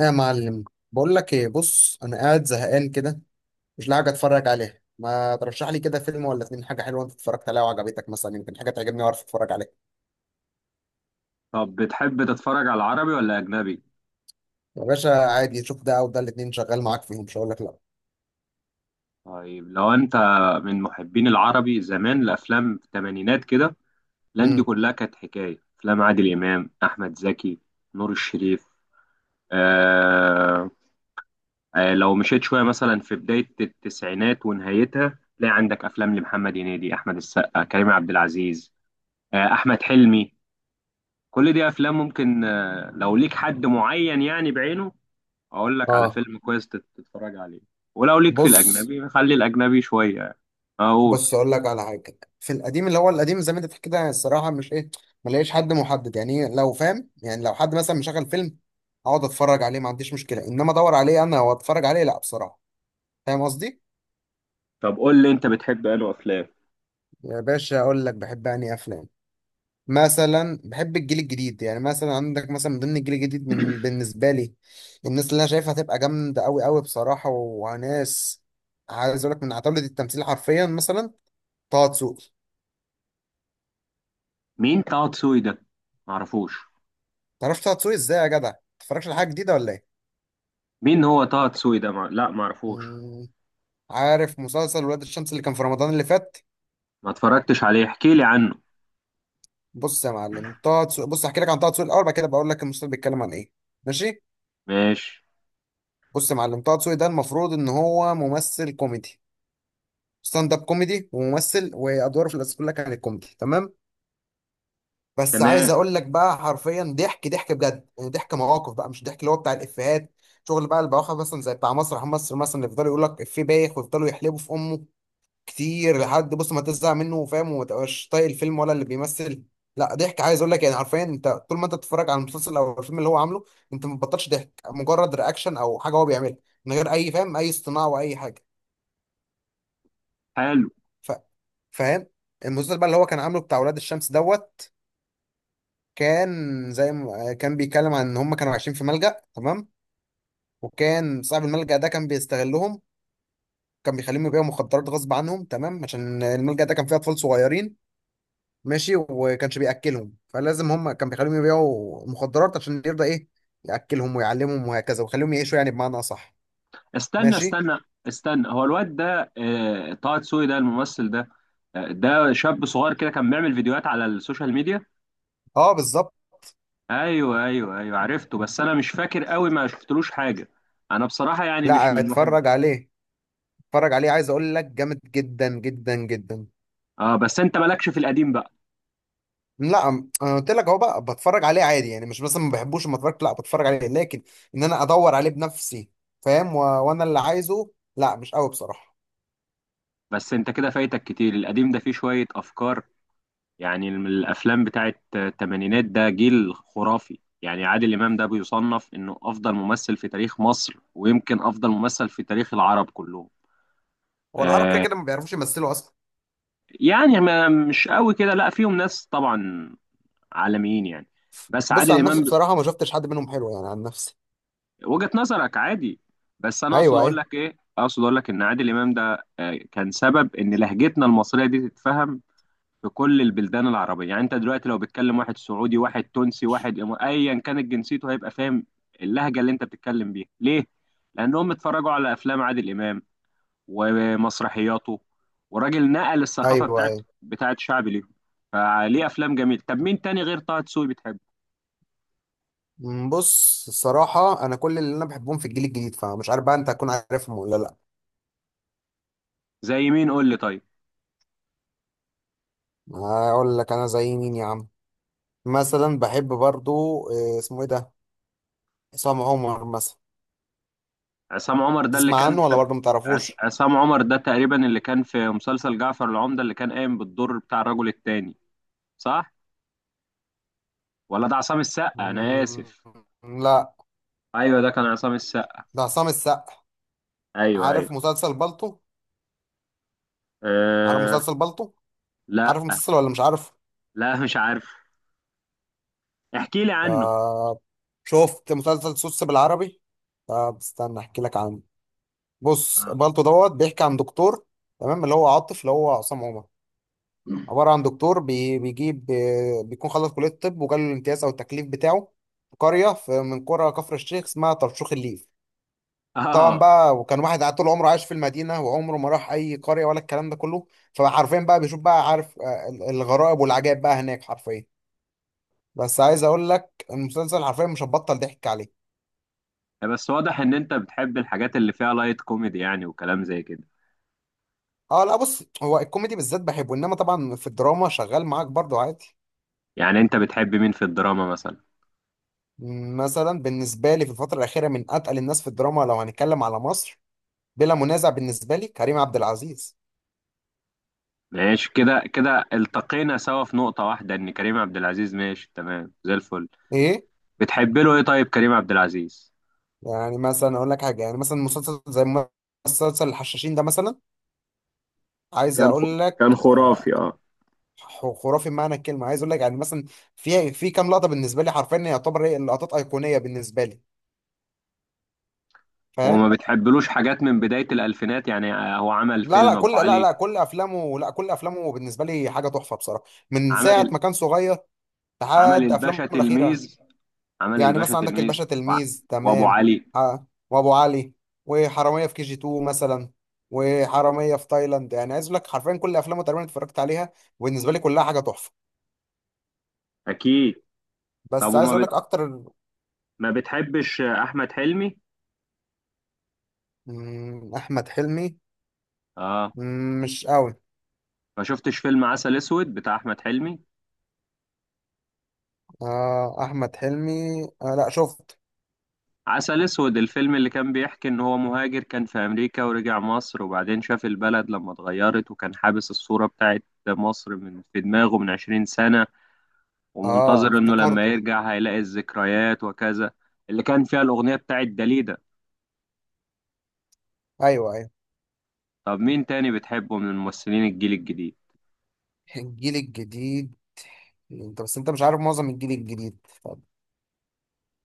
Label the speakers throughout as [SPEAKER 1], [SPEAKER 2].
[SPEAKER 1] ايه يا معلم. بقول لك ايه، بص انا قاعد زهقان كده، مش لاقي حاجه اتفرج عليها. ما ترشح لي كده فيلم ولا اتنين، حاجه حلوه انت اتفرجت عليها وعجبتك، مثلا يمكن حاجه تعجبني واعرف اتفرج عليها.
[SPEAKER 2] طب بتحب تتفرج على العربي ولا أجنبي؟
[SPEAKER 1] يا باشا عادي، شوف ده او ده، الاتنين شغال معاك، فيهم مش هقول لك لا.
[SPEAKER 2] طيب، لو أنت من محبين العربي زمان، الأفلام في الثمانينات كده، الأفلام دي
[SPEAKER 1] امم
[SPEAKER 2] كلها كانت حكاية. أفلام عادل إمام، أحمد زكي، نور الشريف. آه لو مشيت شوية مثلا في بداية التسعينات ونهايتها، تلاقي عندك أفلام لمحمد هنيدي، أحمد السقا، كريم عبد العزيز، أحمد حلمي. كل دي أفلام ممكن، لو ليك حد معين يعني بعينه، اقول لك على
[SPEAKER 1] اه.
[SPEAKER 2] فيلم كويس تتفرج عليه. ولو ليك في
[SPEAKER 1] بص،
[SPEAKER 2] الاجنبي خلي الاجنبي شويه. اقول
[SPEAKER 1] اقول لك على حاجه في القديم، اللي هو القديم زي ما انت بتحكي ده، الصراحه مش ايه، ما لاقيش حد محدد. يعني إيه، لو فاهم يعني، لو حد مثلا مشغل فيلم اقعد اتفرج عليه، ما عنديش مشكله، انما ادور عليه انا واتفرج عليه، لا بصراحه. فاهم قصدي؟
[SPEAKER 2] طب قول لي انت بتحب انه افلام.
[SPEAKER 1] يا باشا اقول لك بحب انهي افلام. مثلا بحب الجيل الجديد، يعني مثلا عندك مثلا من ضمن الجيل الجديد من بالنسبه لي، الناس اللي انا شايفها هتبقى جامده قوي قوي بصراحه. وناس عايز اقول لك من عتاولة التمثيل حرفيا، مثلا طه دسوقي.
[SPEAKER 2] مين طه دسوقي ده؟ معرفوش.
[SPEAKER 1] تعرفش طه دسوقي ازاي يا جدع؟ متتفرجش على حاجه جديده ولا ايه؟
[SPEAKER 2] مين هو طه دسوقي ده؟ لا معرفوش.
[SPEAKER 1] مم، عارف مسلسل ولاد الشمس اللي كان في رمضان اللي فات؟
[SPEAKER 2] ما اتفرجتش عليه، احكي لي عنه.
[SPEAKER 1] بص يا معلم، طه دسوقي، بص احكي لك عن طه دسوقي الاول، بعد كده بقول لك المسلسل بيتكلم عن ايه. ماشي.
[SPEAKER 2] ماشي.
[SPEAKER 1] بص يا معلم، طه دسوقي ده المفروض ان هو ممثل كوميدي، ستاند اب كوميدي وممثل، وادواره في الاساس كلها كانت كوميدي تمام. بس
[SPEAKER 2] تمام.
[SPEAKER 1] عايز اقول لك بقى حرفيا ضحك، ضحك بجد، يعني ضحك مواقف بقى، مش ضحك اللي هو بتاع الافيهات، شغل بقى البواخر مثلا زي بتاع مسرح مصر مثلا، اللي يفضلوا يقول لك افيه بايخ ويفضلوا يحلبوا في امه كتير لحد بص ما تزهق منه وفاهم وما تبقاش طايق الفيلم ولا اللي بيمثل. لا، ضحك، عايز اقول لك يعني حرفيا انت طول ما انت بتتفرج على المسلسل او الفيلم اللي هو عامله، انت ما بتبطلش ضحك، مجرد رياكشن او حاجه هو بيعملها من غير اي، فاهم، اي اصطناع واي حاجه.
[SPEAKER 2] حلو.
[SPEAKER 1] ف... فاهم؟ المسلسل بقى اللي هو كان عامله بتاع ولاد الشمس دوت، كان زي ما آه، كان بيتكلم عن ان هم كانوا عايشين في ملجأ تمام، وكان صاحب الملجأ ده كان بيستغلهم، كان بيخليهم يبيعوا مخدرات غصب عنهم تمام، عشان الملجأ ده كان فيه اطفال صغيرين، ماشي، وكانش بياكلهم، فلازم هم كان بيخليهم يبيعوا مخدرات عشان يرضى ايه، ياكلهم ويعلمهم وهكذا ويخليهم يعيشوا يعني بمعنى اصح.
[SPEAKER 2] استنى
[SPEAKER 1] ماشي.
[SPEAKER 2] استنى استنى، هو الواد ده طه دسوقي ده الممثل ده؟ ده شاب صغير كده كان بيعمل فيديوهات على السوشيال ميديا.
[SPEAKER 1] اه بالظبط.
[SPEAKER 2] ايوه ايوه ايوه عرفته، بس انا مش فاكر قوي، ما شفتلوش حاجه. انا بصراحه يعني مش
[SPEAKER 1] لا
[SPEAKER 2] من محب.
[SPEAKER 1] اتفرج عليه، اتفرج عليه، عايز اقول لك جامد جدا جدا جدا.
[SPEAKER 2] اه، بس انت مالكش في القديم بقى.
[SPEAKER 1] لا، انا قلت لك اهو بقى، بتفرج عليه عادي، يعني مش مثلا ما بحبوش، لما اتفرجت لا بتفرج عليه، لكن ان انا ادور عليه بنفسي، فاهم، وانا اللي عايزه، لا مش قوي بصراحه.
[SPEAKER 2] بس انت كده فايتك كتير، القديم ده فيه شويه افكار يعني. من الافلام بتاعت الثمانينات، ده جيل خرافي. يعني عادل امام ده بيصنف انه افضل ممثل في تاريخ مصر، ويمكن افضل ممثل في تاريخ العرب كلهم.
[SPEAKER 1] هو العرب كده
[SPEAKER 2] آه،
[SPEAKER 1] كده ما بيعرفوش يمثلوا اصلا.
[SPEAKER 2] يعني ما مش قوي كده، لا فيهم ناس طبعا عالميين يعني، بس
[SPEAKER 1] بص
[SPEAKER 2] عادل
[SPEAKER 1] عن نفسي
[SPEAKER 2] امام.
[SPEAKER 1] بصراحه ما شفتش حد منهم حلو، يعني عن نفسي.
[SPEAKER 2] وجهة نظرك عادي. بس انا اقصد
[SPEAKER 1] ايوه
[SPEAKER 2] اقول
[SPEAKER 1] ايوه.
[SPEAKER 2] لك ايه، اقصد اقول لك ان عادل امام ده كان سبب ان لهجتنا المصريه دي تتفهم في كل البلدان العربيه. يعني انت دلوقتي لو بتكلم واحد سعودي، واحد تونسي، واحد ايا كانت جنسيته، هيبقى فاهم اللهجه اللي انت بتتكلم بيها ليه. لانهم اتفرجوا على افلام عادل امام ومسرحياته، وراجل نقل الثقافه
[SPEAKER 1] ايوه
[SPEAKER 2] بتاعت
[SPEAKER 1] ايوه.
[SPEAKER 2] بتاعت شعب ليهم. فليه افلام جميله. طب مين تاني غير طه دسوقي بتحبه؟
[SPEAKER 1] أمم، بص الصراحه انا كل اللي انا بحبهم في الجيل الجديد، فمش عارف بقى انت هتكون عارفهم ولا لا.
[SPEAKER 2] زي مين قول لي طيب؟
[SPEAKER 1] هقول لك انا زي مين يا عم. مثلا بحب برضو آه، اسمه ايه ده، عصام عمر مثلا.
[SPEAKER 2] عصام عمر ده اللي
[SPEAKER 1] تسمع
[SPEAKER 2] كان
[SPEAKER 1] عنه ولا
[SPEAKER 2] في…
[SPEAKER 1] برضو ما تعرفوش؟
[SPEAKER 2] عصام عمر ده تقريبا اللي كان في مسلسل جعفر العمدة، اللي كان قايم بالدور بتاع الرجل التاني، صح؟ ولا ده عصام السقا، انا
[SPEAKER 1] مم،
[SPEAKER 2] اسف.
[SPEAKER 1] لا،
[SPEAKER 2] ايوه، ده كان عصام السقا.
[SPEAKER 1] ده عصام السقا.
[SPEAKER 2] ايوه ايوه.
[SPEAKER 1] عارف مسلسل بالطو؟ عارف
[SPEAKER 2] أه...
[SPEAKER 1] مسلسل بالطو؟
[SPEAKER 2] لا
[SPEAKER 1] عارف مسلسل ولا مش عارف؟
[SPEAKER 2] لا مش عارف، احكي لي عنه.
[SPEAKER 1] طب شفت مسلسل سوس بالعربي؟ طب استنى احكي لك عنه. بص،
[SPEAKER 2] اه.
[SPEAKER 1] بالطو دوت بيحكي عن دكتور، تمام، اللي هو عاطف اللي هو عصام عمر، عبارة عن دكتور بيجيب بيكون خلص كلية الطب وجاله الامتياز أو التكليف بتاعه في قرية من قرى كفر الشيخ اسمها طرشوخ الليل. طبعا
[SPEAKER 2] آه.
[SPEAKER 1] بقى، وكان واحد قاعد طول عمره عايش في المدينه وعمره ما راح اي قريه ولا الكلام ده كله، فعارفين بقى، بيشوف بقى، عارف آه، الغرائب والعجائب بقى هناك حرفيا. بس عايز اقول لك المسلسل حرفيا مش هتبطل ضحك عليه.
[SPEAKER 2] بس واضح ان انت بتحب الحاجات اللي فيها لايت كوميدي يعني، وكلام زي كده.
[SPEAKER 1] اه لا، بص، هو الكوميدي بالذات بحبه، انما طبعا في الدراما شغال معاك برضو عادي.
[SPEAKER 2] يعني انت بتحب مين في الدراما مثلا؟
[SPEAKER 1] مثلا بالنسبه لي في الفتره الاخيره من اتقل الناس في الدراما، لو هنتكلم على مصر بلا منازع بالنسبه لي كريم عبد العزيز.
[SPEAKER 2] ماشي، كده كده التقينا سوا في نقطة واحدة، ان كريم عبد العزيز ماشي تمام زي الفل.
[SPEAKER 1] ايه.
[SPEAKER 2] بتحب له ايه طيب كريم عبد العزيز؟
[SPEAKER 1] يعني مثلا اقول لك حاجه، يعني مثلا مسلسل زي مسلسل الحشاشين ده مثلا، عايز
[SPEAKER 2] كان خ...
[SPEAKER 1] اقول لك
[SPEAKER 2] كان
[SPEAKER 1] آه،
[SPEAKER 2] خرافي، اه.
[SPEAKER 1] خرافي بمعنى الكلمه. عايز اقول لك يعني مثلا في كام لقطه بالنسبه لي حرفيا يعتبر هي اللقطات ايقونيه بالنسبه لي.
[SPEAKER 2] وما
[SPEAKER 1] فاهم.
[SPEAKER 2] بتحبلوش حاجات من بداية الألفينات يعني، هو عمل
[SPEAKER 1] لا لا
[SPEAKER 2] فيلم
[SPEAKER 1] كل،
[SPEAKER 2] أبو
[SPEAKER 1] لا
[SPEAKER 2] علي.
[SPEAKER 1] لا كل افلامه، لا كل افلامه بالنسبه لي حاجه تحفه بصراحه، من
[SPEAKER 2] عمل
[SPEAKER 1] ساعه
[SPEAKER 2] ال...
[SPEAKER 1] ما كان صغير
[SPEAKER 2] عمل
[SPEAKER 1] لحد افلامه
[SPEAKER 2] الباشا
[SPEAKER 1] الاخيره.
[SPEAKER 2] تلميذ عمل
[SPEAKER 1] يعني
[SPEAKER 2] الباشا
[SPEAKER 1] مثلا عندك
[SPEAKER 2] تلميذ
[SPEAKER 1] الباشا
[SPEAKER 2] وع-
[SPEAKER 1] تلميذ
[SPEAKER 2] وأبو
[SPEAKER 1] تمام،
[SPEAKER 2] علي.
[SPEAKER 1] آه، وابو علي، وحراميه في كي جي 2 مثلا، وحراميه في تايلاند، يعني عايز اقول لك حرفيا كل افلامه تقريبا اتفرجت عليها، وبالنسبه لي كلها حاجه تحفه.
[SPEAKER 2] أكيد. طب
[SPEAKER 1] بس عايز
[SPEAKER 2] وما
[SPEAKER 1] اقول
[SPEAKER 2] بت...
[SPEAKER 1] لك اكتر.
[SPEAKER 2] ما بتحبش أحمد حلمي؟
[SPEAKER 1] مم، احمد حلمي،
[SPEAKER 2] آه
[SPEAKER 1] مم، مش قوي.
[SPEAKER 2] ما شفتش فيلم عسل أسود بتاع أحمد حلمي؟
[SPEAKER 1] آه احمد حلمي، آه لا شفت.
[SPEAKER 2] عسل اسود، الفيلم اللي كان بيحكي ان هو مهاجر كان في امريكا ورجع مصر، وبعدين شاف البلد لما اتغيرت، وكان حابس الصورة بتاعت مصر من في دماغه من 20 سنة،
[SPEAKER 1] اه
[SPEAKER 2] ومنتظر انه لما
[SPEAKER 1] افتكرته.
[SPEAKER 2] يرجع هيلاقي الذكريات وكذا. اللي كان فيها الاغنية بتاعت داليدا.
[SPEAKER 1] ايوه ايوه.
[SPEAKER 2] طب مين تاني بتحبه من الممثلين الجيل الجديد؟
[SPEAKER 1] الجيل الجديد، انت بس انت مش عارف معظم الجيل الجديد. طب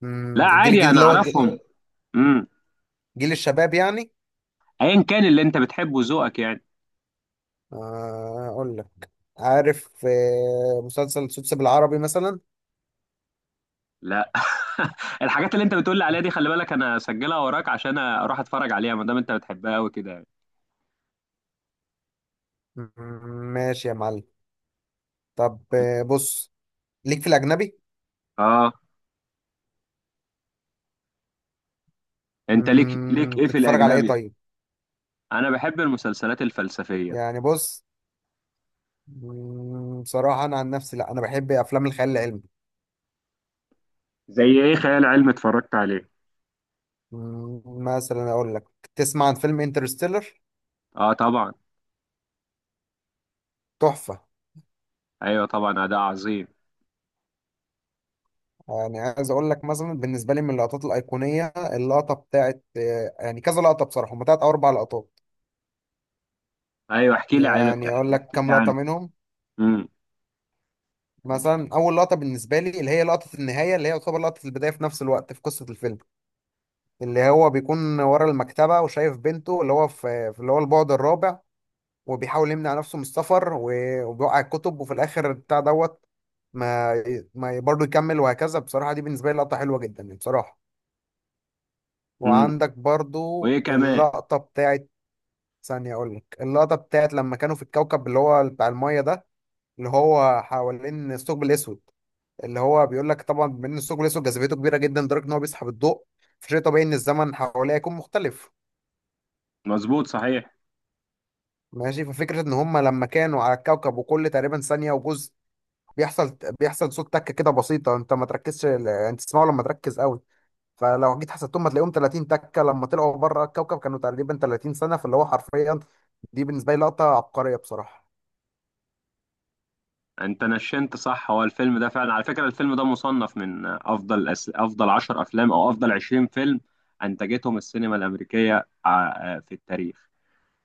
[SPEAKER 1] مم،
[SPEAKER 2] لا
[SPEAKER 1] الجيل
[SPEAKER 2] عادي
[SPEAKER 1] الجديد
[SPEAKER 2] انا
[SPEAKER 1] اللي هو الجيل,
[SPEAKER 2] اعرفهم. امم.
[SPEAKER 1] جيل الشباب يعني.
[SPEAKER 2] ايا كان اللي انت بتحبه، ذوقك يعني.
[SPEAKER 1] آه اقول لك، عارف آه مسلسل سوتس بالعربي مثلا؟
[SPEAKER 2] لا. الحاجات اللي انت بتقول لي عليها دي، خلي بالك انا اسجلها وراك عشان اروح اتفرج عليها، ما دام انت بتحبها قوي كده يعني.
[SPEAKER 1] مم، ماشي يا معلم. طب آه، بص، ليك في الاجنبي؟
[SPEAKER 2] اه. انت ليك
[SPEAKER 1] مم،
[SPEAKER 2] ايه في
[SPEAKER 1] تتفرج على ايه
[SPEAKER 2] الاجنبي؟
[SPEAKER 1] طيب؟
[SPEAKER 2] انا بحب المسلسلات الفلسفيه.
[SPEAKER 1] يعني بص، مم، بصراحة أنا عن نفسي لأ، أنا بحب أفلام الخيال العلمي.
[SPEAKER 2] زي ايه خيال علمي اتفرجت عليه؟
[SPEAKER 1] مم، مثلا أقول لك، تسمع عن فيلم انترستيلر؟
[SPEAKER 2] اه طبعا.
[SPEAKER 1] تحفة.
[SPEAKER 2] ايوه طبعا، ده عظيم.
[SPEAKER 1] يعني عايز أقول لك مثلا بالنسبة لي من اللقطات الأيقونية، اللقطة بتاعت آه، يعني كذا لقطة بصراحة، هما تلات أو أربع لقطات.
[SPEAKER 2] ايوه،
[SPEAKER 1] يعني أقول
[SPEAKER 2] احكي
[SPEAKER 1] لك
[SPEAKER 2] احكي
[SPEAKER 1] كام
[SPEAKER 2] لي
[SPEAKER 1] لقطة
[SPEAKER 2] عنه.
[SPEAKER 1] منهم.
[SPEAKER 2] امم
[SPEAKER 1] مثلا أول لقطة بالنسبة لي اللي هي لقطة النهاية، اللي هي يعتبر لقطة البداية في نفس الوقت في قصة الفيلم، اللي هو بيكون ورا المكتبة وشايف بنته، اللي هو في اللي هو البعد الرابع، وبيحاول يمنع نفسه من السفر وبيوقع الكتب وفي الاخر بتاع دوت، ما ما برضه يكمل وهكذا، بصراحة دي بالنسبة لي لقطة حلوة جدا يعني بصراحة.
[SPEAKER 2] امم
[SPEAKER 1] وعندك برضه
[SPEAKER 2] وايه كمان؟
[SPEAKER 1] اللقطة بتاعت، ثانية أقول لك، اللقطة بتاعت لما كانوا في الكوكب اللي هو بتاع المية ده، اللي هو حوالين الثقب الأسود، اللي هو بيقول لك طبعا بما إن الثقب الأسود جاذبيته كبيرة جدا لدرجة إن هو بيسحب الضوء، فشيء طبيعي إن الزمن حواليه يكون مختلف.
[SPEAKER 2] مظبوط صحيح.
[SPEAKER 1] ماشي، ففكرة إن هما لما كانوا على الكوكب، وكل تقريبا ثانية وجزء بيحصل صوت تكه كده بسيطه انت ما تركزش، انت تسمعه لما تركز قوي، فلو جيت حسبتهم هتلاقيهم 30 تكه، لما طلعوا بره الكوكب كانوا تقريبا 30 سنه، فاللي هو حرفيا دي بالنسبه لي لقطه عبقريه بصراحه.
[SPEAKER 2] انت نشنت صح، هو الفيلم ده فعلا، على فكره الفيلم ده مصنف من افضل افضل 10 افلام او افضل 20 فيلم انتجتهم السينما الامريكيه في التاريخ.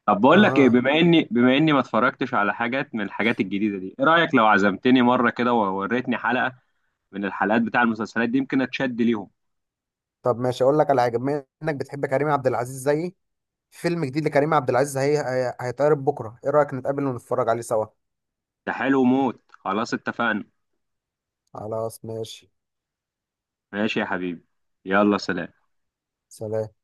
[SPEAKER 2] طب بقول لك ايه،
[SPEAKER 1] اه.
[SPEAKER 2] بما اني ما اتفرجتش على حاجات من الحاجات الجديده دي، ايه رايك لو عزمتني مره كده ووريتني حلقه من الحلقات بتاع المسلسلات دي، يمكن اتشد ليهم.
[SPEAKER 1] طب ماشي، اقول لك على حاجه، بما انك بتحب كريم عبد العزيز زيي، فيلم جديد لكريم عبد العزيز هيتعرض بكره، ايه رايك نتقابل ونتفرج عليه سوا؟
[SPEAKER 2] ده حلو موت، خلاص اتفقنا.
[SPEAKER 1] خلاص ماشي.
[SPEAKER 2] ماشي يا حبيبي. يلا سلام.
[SPEAKER 1] سلام.